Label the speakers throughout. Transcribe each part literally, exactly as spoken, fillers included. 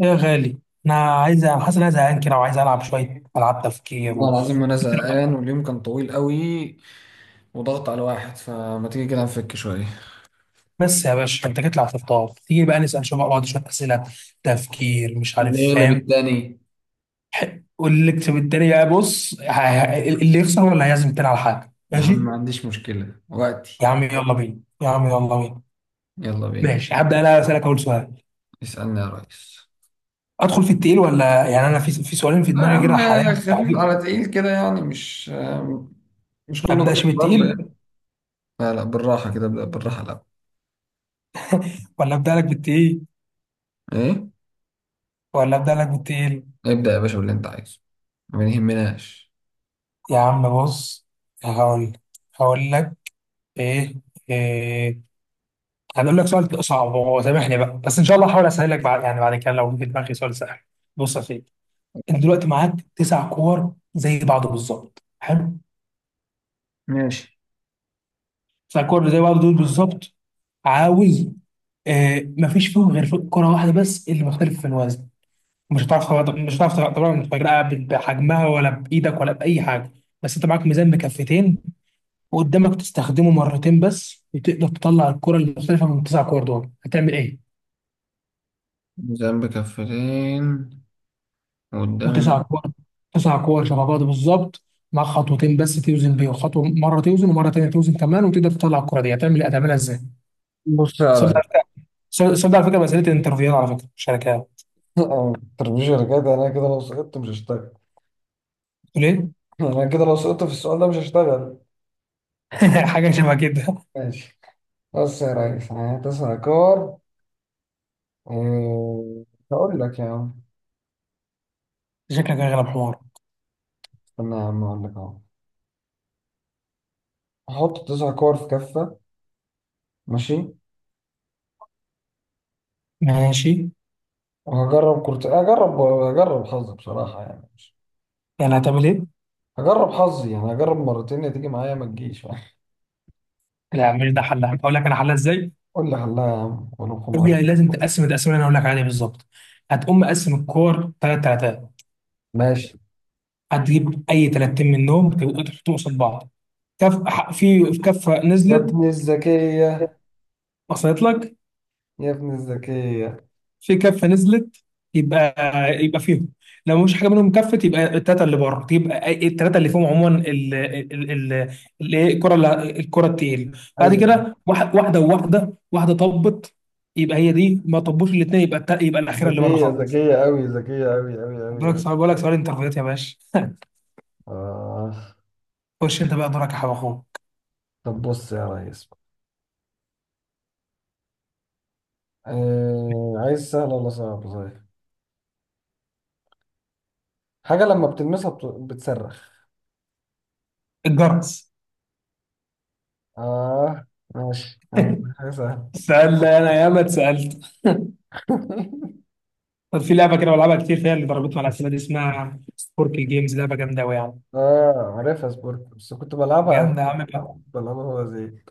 Speaker 1: يا غالي. انا عايز حاسس ان انا زهقان كده وعايز العب شويه العاب تفكير
Speaker 2: والله
Speaker 1: و...
Speaker 2: العظيم انا زهقان واليوم كان طويل قوي وضغط على الواحد، فما تيجي كده نفك شويه.
Speaker 1: بس يا باشا انت جيت لي على الخطاب تيجي بقى نسال شويه بعض شويه اسئله تفكير مش
Speaker 2: اللي
Speaker 1: عارف
Speaker 2: يغلب
Speaker 1: فاهم.
Speaker 2: التاني.
Speaker 1: واللي يكتب الدنيا بقى بص، ه- ه- اللي يخسر هو اللي هيعزم التاني على حاجه.
Speaker 2: يا عم
Speaker 1: ماشي
Speaker 2: ما عنديش مشكله وقتي.
Speaker 1: يا عم يلا بينا، يا عم يلا بينا.
Speaker 2: يلا بينا.
Speaker 1: ماشي، هبدا انا اسالك اول سؤال.
Speaker 2: اسالني يا ريس.
Speaker 1: ادخل في التقيل ولا يعني انا في في سؤالين في
Speaker 2: لا يا
Speaker 1: دماغي
Speaker 2: عم،
Speaker 1: كده حاليا
Speaker 2: خفيف على
Speaker 1: مستعجلين.
Speaker 2: تقيل كده، يعني مش مش
Speaker 1: ما
Speaker 2: كله ضرب
Speaker 1: ابداش
Speaker 2: ضرب
Speaker 1: بالتقيل.
Speaker 2: يعني. لا لا، بالراحه كده، ابدا بالراحه الاول.
Speaker 1: ولا ابدا لك بالتقيل؟
Speaker 2: ايه.
Speaker 1: ولا ابدا لك بالتقيل؟
Speaker 2: ابدا يا باشا باللي انت عايزه، ما يهمناش.
Speaker 1: يا عم بص. هقول هقول لك. ايه؟ ايه؟ هنقول لك سؤال صعب هو، سامحني بقى، بس ان شاء الله هحاول اسهل لك بعد، يعني بعد كده، لو في دماغي سؤال سهل. بص يا سيدي، انت دلوقتي معاك تسع كور زي بعض بالظبط. حلو.
Speaker 2: ماشي.
Speaker 1: تسع كور زي بعض دول بالظبط. عاوز... آه، مفيش فيهم غير في كرة واحدة بس اللي مختلف في الوزن. مش هتعرف تغ- مش هتعرف تغ- طبعا تفرقها ب- بحجمها ولا بإيدك ولا بأي حاجة. بس انت معاك ميزان بكفتين وقدامك تستخدمه مرتين بس، وتقدر تطلع الكرة المختلفة من التسع كور دول، هتعمل ايه؟
Speaker 2: ميزان بكفتين وقدام.
Speaker 1: وتسع كور، تسع كور شبه بعض بالظبط، مع خطوتين بس توزن بيهم، خطوه مره توزن ومره تانيه توزن كمان، وتقدر تطلع الكره دي. هتعمل إيه؟ هتعملها ازاي؟
Speaker 2: بص يا
Speaker 1: صدق
Speaker 2: ريس.
Speaker 1: على فكره، صدق على فكره، مساله الانترفيوهات على فكره شركات.
Speaker 2: أه، التربيزه كده، انا كده لو سقطت مش هشتغل.
Speaker 1: تقول ايه؟
Speaker 2: انا كده لو سقطت في السؤال ده مش هشتغل.
Speaker 1: حاجه شبه كده.
Speaker 2: ماشي. بص يا ريس، انا هتسأل كور. إيه، هقول لك يا عم.
Speaker 1: شكلك هيغلب حمار.
Speaker 2: استنى يا عم اقول لك اهو. هحط تسع كور في كفة. ماشي.
Speaker 1: ماشي.
Speaker 2: وهجرب كرة، هجرب هجرب حظي بصراحة يعني مش...
Speaker 1: يعني هتعمل ايه؟
Speaker 2: هجرب حظي، يعني هجرب مرتين، يا تيجي معايا ما تجيش.
Speaker 1: لا مش ده حلها. اقول لك انا حلها ازاي؟
Speaker 2: قول لي حلها يا عم ولو
Speaker 1: تقول
Speaker 2: خمار.
Speaker 1: لي لازم تقسم التقسيمه اللي انا هقول لك عليها بالظبط. هتقوم مقسم الكور ثلاث ثلاثات،
Speaker 2: ماشي.
Speaker 1: هتجيب اي ثلاثتين منهم تبقوا تحطهم قصاد بعض. كف ح- في في كفه
Speaker 2: يا
Speaker 1: نزلت.
Speaker 2: ابن الذكية.
Speaker 1: وصلت لك؟
Speaker 2: يا ابن الذكية.
Speaker 1: في كفه نزلت، يبقى يبقى فيهم. لو مش حاجه منهم كفت، يبقى الثلاثه اللي بره. يبقى الثلاثه اللي فيهم عموما، ال- ال- ال- ال- إيه، الكره اللي- الكره التقيله. بعد
Speaker 2: أيوة.
Speaker 1: كده واحد- واحده وواحده واحده طبت، يبقى هي دي. ما طبوش الاثنين يبقى الت- يبقى الاخيره اللي بره
Speaker 2: ذكية
Speaker 1: خالص.
Speaker 2: ذكية أوي، ذكية أوي أوي أوي
Speaker 1: بقول لك
Speaker 2: أوي.
Speaker 1: سؤال، بقول لك سؤال انترفيوهات يا باشا.
Speaker 2: آه.
Speaker 1: خش انت بقى دورك يا حبيب اخوك.
Speaker 2: طب بص يا ريس، آه عايز سهل ولا صعب صحيح. حاجة لما بتلمسها بت... بتصرخ.
Speaker 1: الجرس.
Speaker 2: آه. ماشي، أنا جبت لك حاجة سهلة.
Speaker 1: سألنا انا، ياما اتسالت. طب في لعبه كده بلعبها كتير فيها اللي ضربتني على الاسئله دي، اسمها سبورك الجيمز، لعبه جامده قوي يعني.
Speaker 2: آه عارفها سبورت، بس كنت بلعبها.
Speaker 1: جامده يا عم بقى.
Speaker 2: بلعبها هو زي...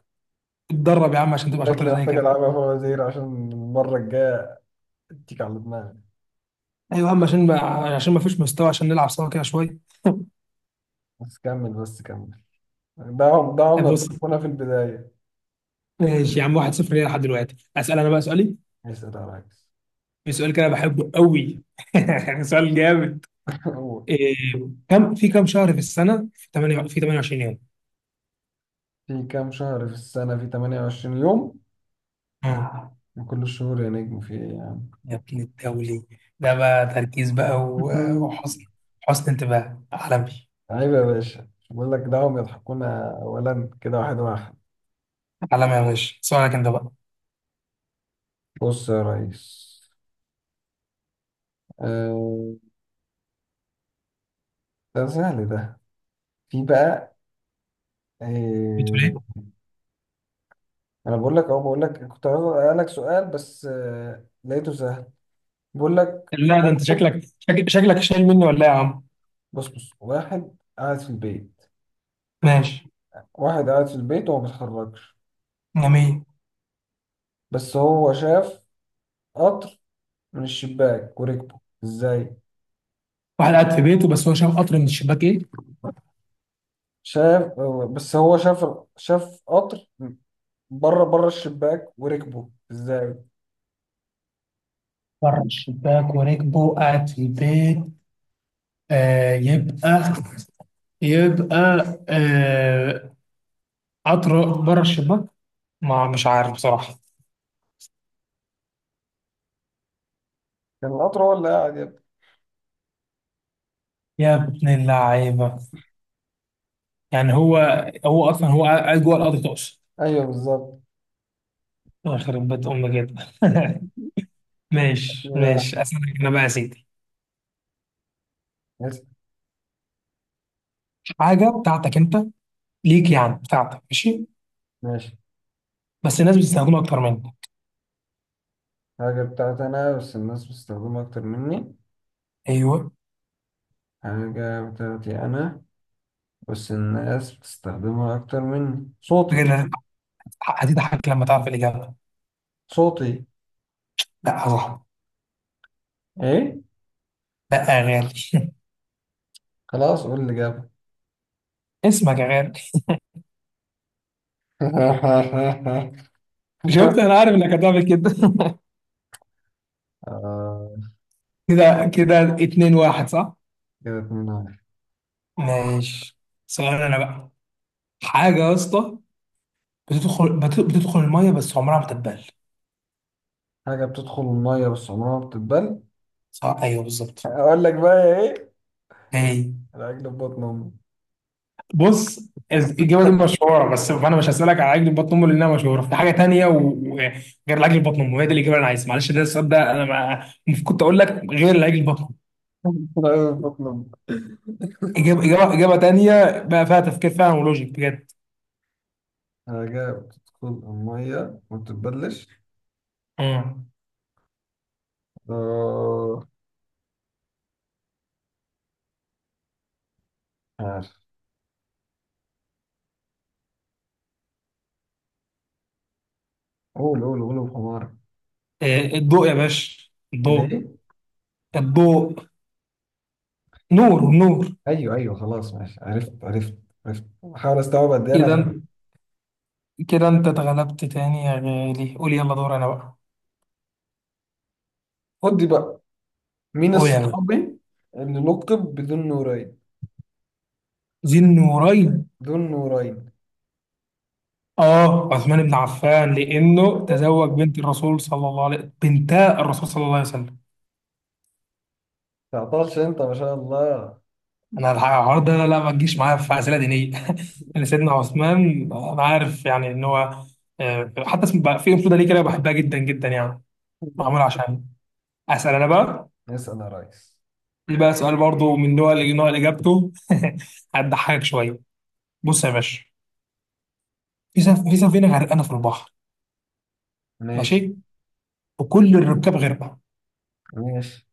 Speaker 1: اتدرب يا عم عشان تبقى شاطر
Speaker 2: شكلي
Speaker 1: زي
Speaker 2: محتاج
Speaker 1: كده.
Speaker 2: ألعبها هو زي، عشان المرة الجاية أديك على دماغي.
Speaker 1: ايوه يا عم، عشان ما عشان ما فيش مستوى عشان نلعب سوا كده شويه.
Speaker 2: بس كمل بس كمل. ده عم ده عملة
Speaker 1: بص.
Speaker 2: بتكونها في البداية.
Speaker 1: ماشي يا عم، واحد صفر ليه لحد دلوقتي. اسال انا بقى سؤالي.
Speaker 2: اسأل يا ريس.
Speaker 1: في سؤال كده بحبه قوي. سؤال جامد.
Speaker 2: أول.
Speaker 1: إيه. كم في كم شهر في السنه في ثمانية في ثمانية وعشرين يوم؟
Speaker 2: في كام شهر في السنة في ثمانية وعشرين يوم،
Speaker 1: آه،
Speaker 2: من كل الشهور يا نجم في إيه؟
Speaker 1: يا ابن الدولي، ده بقى تركيز بقى، و-
Speaker 2: يعني
Speaker 1: وحسن، حسن انتباه عالمي.
Speaker 2: عيب يا باشا، بقول لك دعهم يضحكونا اولا كده واحد واحد.
Speaker 1: عالمي يا باشا. سؤالك انت بقى.
Speaker 2: بص يا ريس، آه، ده سهل ده. في بقى،
Speaker 1: بتقول ايه؟
Speaker 2: آه، انا بقول لك اهو، بقول لك كنت عاوز اسالك سؤال بس آه، لقيته سهل. بقول لك،
Speaker 1: لا ده انت شكلك، شك- شكلك شايل مني ولا إيه يا عم؟
Speaker 2: بص بص واحد قاعد في البيت.
Speaker 1: ماشي.
Speaker 2: واحد قاعد في البيت وما بيتحركش،
Speaker 1: جميل.
Speaker 2: بس هو شاف قطر من الشباك وركبه ازاي.
Speaker 1: واحد قاعد في بيته بس هو شاف قطر من الشباك، ايه؟
Speaker 2: شاف، بس هو شاف، شاف قطر، بره بره الشباك وركبه ازاي.
Speaker 1: بره الشباك، وركبه قاعد في البيت. آه يبقى، يبقى... آه، قطر بره الشباك. ما مش عارف بصراحة.
Speaker 2: كان القطر هو اللي قاعد يبقى.
Speaker 1: يا ابن اللعيبة، يعني هو، هو اصلا هو قاعد جوه القطر تقصد؟
Speaker 2: ايوه بالظبط.
Speaker 1: يخرب بيت امك كده. ماشي،
Speaker 2: كده
Speaker 1: ماشي، اسالك انا بقى يا سيدي.
Speaker 2: واحد.
Speaker 1: حاجة بتاعتك انت، ليك يعني، بتاعتك، ماشي،
Speaker 2: ماشي.
Speaker 1: بس الناس بتستخدمها اكتر منك.
Speaker 2: حاجة بتاعتي انا، بس الناس بتستخدمها اكتر مني.
Speaker 1: ايوه.
Speaker 2: حاجة بتاعتي انا، بس الناس بتستخدمها اكتر مني. صوتي.
Speaker 1: بجد هتضحك، هتضحك لما تعرف الاجابة.
Speaker 2: صوتي.
Speaker 1: لا صح.
Speaker 2: ايه؟
Speaker 1: لا يا غالي.
Speaker 2: خلاص قول اللي جابه.
Speaker 1: اسمك يا غالي. شفت، انا عارف انك هتعمل كده.
Speaker 2: آه.
Speaker 1: كده كده، اتنين واحد. صح؟
Speaker 2: كده اتنين واحد.
Speaker 1: ماشي. سؤال انا بقى. حاجة يا اسطى، بتدخل بت- بتدخل المية بس عمرها ما تتبل.
Speaker 2: حاجة بتدخل المية بس عمرها ما بتتبل.
Speaker 1: صح، ايوه بالظبط.
Speaker 2: أقول لك بقى يا إيه؟
Speaker 1: ايه.
Speaker 2: العجل في بطن أمي.
Speaker 1: بص، الإجابة دي مشهورة، بس فأنا مش هسألك على عجل بطن أمه لأنها مشهورة، في حاجة تانية، وغير العجل بطن أمه هي دي الإجابة اللي أنا عايزها. معلش، ده السؤال ده أنا ما المفروض كنت أقول لك غير العجل بطن أمه.
Speaker 2: العجل في بطن أمي.
Speaker 1: إجابة إجابة إجابة تانية بقى فيها تفكير فعلا ولوجيك بجد.
Speaker 2: حاجة بتدخل المية ما بتتبلش.
Speaker 1: مم.
Speaker 2: آه، عارف. قول قول قول بحمار.
Speaker 1: آه، الضوء يا باشا،
Speaker 2: اللي
Speaker 1: الضوء.
Speaker 2: ايه.
Speaker 1: الضوء. نور، نور.
Speaker 2: ايوه ايوه خلاص ماشي، عرفت عرفت. عرفت، بحاول استوعب قد ايه انا
Speaker 1: كده
Speaker 2: غبي.
Speaker 1: أنت- كده انت اتغلبت تاني يا غالي. قول، يلا دور انا بقى.
Speaker 2: خد دي بقى، مين
Speaker 1: قول يا باشا.
Speaker 2: الصحابي اللي لقب بدون نورين؟
Speaker 1: ذي النورين.
Speaker 2: دون نورين.
Speaker 1: اه، عثمان بن عفان، لانه تزوج بنت الرسول صلى الله عليه، بنتا الرسول صلى الله عليه وسلم.
Speaker 2: تعطلش انت ما شاء الله.
Speaker 1: انا الحوار ده لا لا ما تجيش معايا في اسئله دينيه. لان سيدنا عثمان انا عارف يعني ان هو... آه، حتى اسم بقى في انفلونزا ليه كده، بحبها جدا جدا يعني، معمول عشان. اسال انا بقى.
Speaker 2: اسال يا ريس.
Speaker 1: دي بقى سؤال برضه من نوع نوع اللي اجابته... هتضحكك شويه. بص يا باشا، في سف... في سفينه غرقانه في البحر.
Speaker 2: ماشي.
Speaker 1: ماشي. وكل الركاب غرقوا.
Speaker 2: ماشي.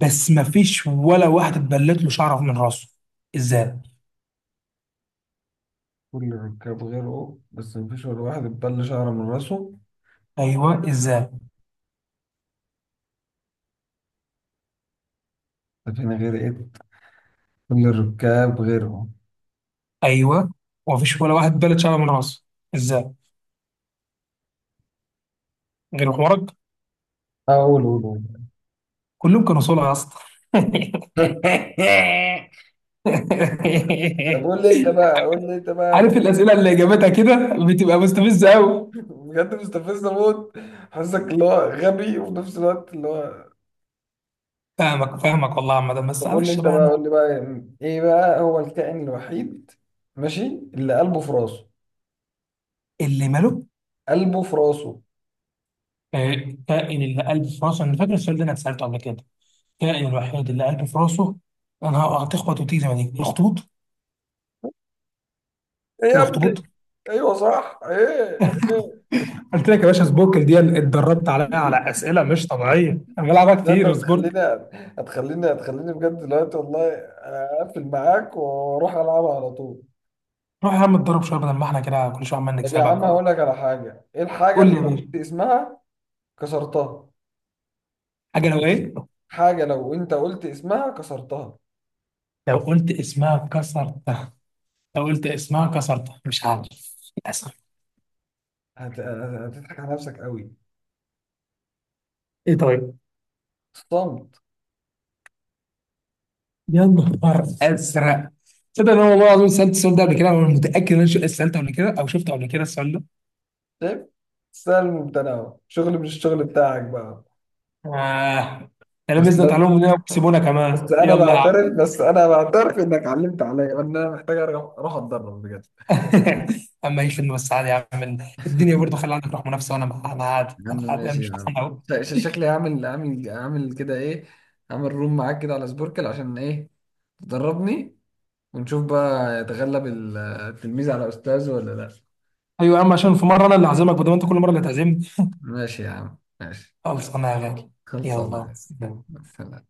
Speaker 1: بس ما فيش ولا واحد اتبلت له شعره من راسه. ازاي؟
Speaker 2: كل الركاب غيره بس مفيش ولا واحد اتبل شعره من راسه.
Speaker 1: ايوه ازاي؟
Speaker 2: ده فينا غير ايه؟ كل الركاب غيره.
Speaker 1: ايوه، وما فيش ولا واحد اتبلت شعره من راسه. ازاي؟ غير حوارك.
Speaker 2: اقول، قول قول قول.
Speaker 1: كلهم كانوا صلع يا اسطى.
Speaker 2: طب قول لي انت بقى، قول لي انت بقى
Speaker 1: عارف
Speaker 2: فكر.
Speaker 1: الاسئله اللي اجابتها كده بتبقى مستفزه قوي.
Speaker 2: بجد مستفز موت. حاسسك اللي هو غبي وفي نفس الوقت اللي هو...
Speaker 1: فاهمك، فاهمك والله يا عم، ده بس
Speaker 2: طب قول لي
Speaker 1: معلش
Speaker 2: انت
Speaker 1: بقى
Speaker 2: بقى،
Speaker 1: يعني.
Speaker 2: قول لي بقى يعني ايه بقى هو الكائن الوحيد، ماشي، اللي قلبه في راسه.
Speaker 1: اللي ملوك.
Speaker 2: قلبه في راسه.
Speaker 1: آه، الكائن اللي قلبه في راسه. انا فاكر السؤال ده، انا اتسالته قبل كده. الكائن الوحيد اللي قلبه في راسه. انا هتخبط وتيجي زي ما تيجي، الاخطبوط.
Speaker 2: ايه يا ابني.
Speaker 1: الاخطبوط.
Speaker 2: ايوه صح، ايه ايه.
Speaker 1: قلت لك يا باشا سبوركل دي اتدربت عليها على اسئله مش طبيعيه. انا بلعبها
Speaker 2: لا انت
Speaker 1: كتير سبوركل.
Speaker 2: هتخليني، هتخليني هتخليني بجد دلوقتي والله. اقفل معاك واروح العبها على طول.
Speaker 1: روح يا عم اتدرب شويه بدل ما احنا كده كل شويه عمال
Speaker 2: طب يا عم
Speaker 1: نكسبك و...
Speaker 2: هقول لك على حاجه، ايه الحاجه
Speaker 1: قول
Speaker 2: اللي
Speaker 1: لي يا
Speaker 2: لو
Speaker 1: باشا.
Speaker 2: قلت اسمها كسرتها؟
Speaker 1: حاجه لو ايه؟
Speaker 2: حاجه لو انت قلت اسمها كسرتها.
Speaker 1: لو قلت اسمها كسرتها. لو قلت اسمها كسرتها، مش عارف، للاسف.
Speaker 2: هت... هتضحك على نفسك قوي.
Speaker 1: ايه طيب؟
Speaker 2: صمت.
Speaker 1: يا نهار ازرق. تصدق ان انا والله العظيم سالت السؤال ده قبل كده، انا متاكد ان انا سالته قبل كده او شفته قبل كده السؤال ده.
Speaker 2: شايف؟ سهل ممتنع، شغل مش الشغل بتاعك بقى.
Speaker 1: آه. ده
Speaker 2: بس
Speaker 1: لبسنا
Speaker 2: لازم،
Speaker 1: تعليم مننا وكسبونا
Speaker 2: بس
Speaker 1: كمان.
Speaker 2: انا
Speaker 1: يلا يا عم.
Speaker 2: بعترف بس انا بعترف انك علمت عليا، وان انا محتاج أرجع، اروح اتدرب بجد.
Speaker 1: اما هيش فيلم، بس عادي يا عم. الدنيا برضه خلي عندك روح منافسه، وانا مع- انا عادي،
Speaker 2: يا عم
Speaker 1: انا عادي، انا
Speaker 2: ماشي يا
Speaker 1: مش فرحان
Speaker 2: عم.
Speaker 1: قوي.
Speaker 2: ش- ش- شكلي هعمل هعمل هعمل كده ايه، هعمل روم معاك كده على سبوركل عشان ايه، تدربني. ونشوف بقى يتغلب ال- التلميذ على استاذه ولا لا.
Speaker 1: ايوه يا عم، عشان في مره انا اللي هعزمك بدل ما انت كل مره اللي تعزمني.
Speaker 2: ماشي يا عم، ماشي.
Speaker 1: خلص انا يا غالي. يلا.
Speaker 2: خلصانه. سلام.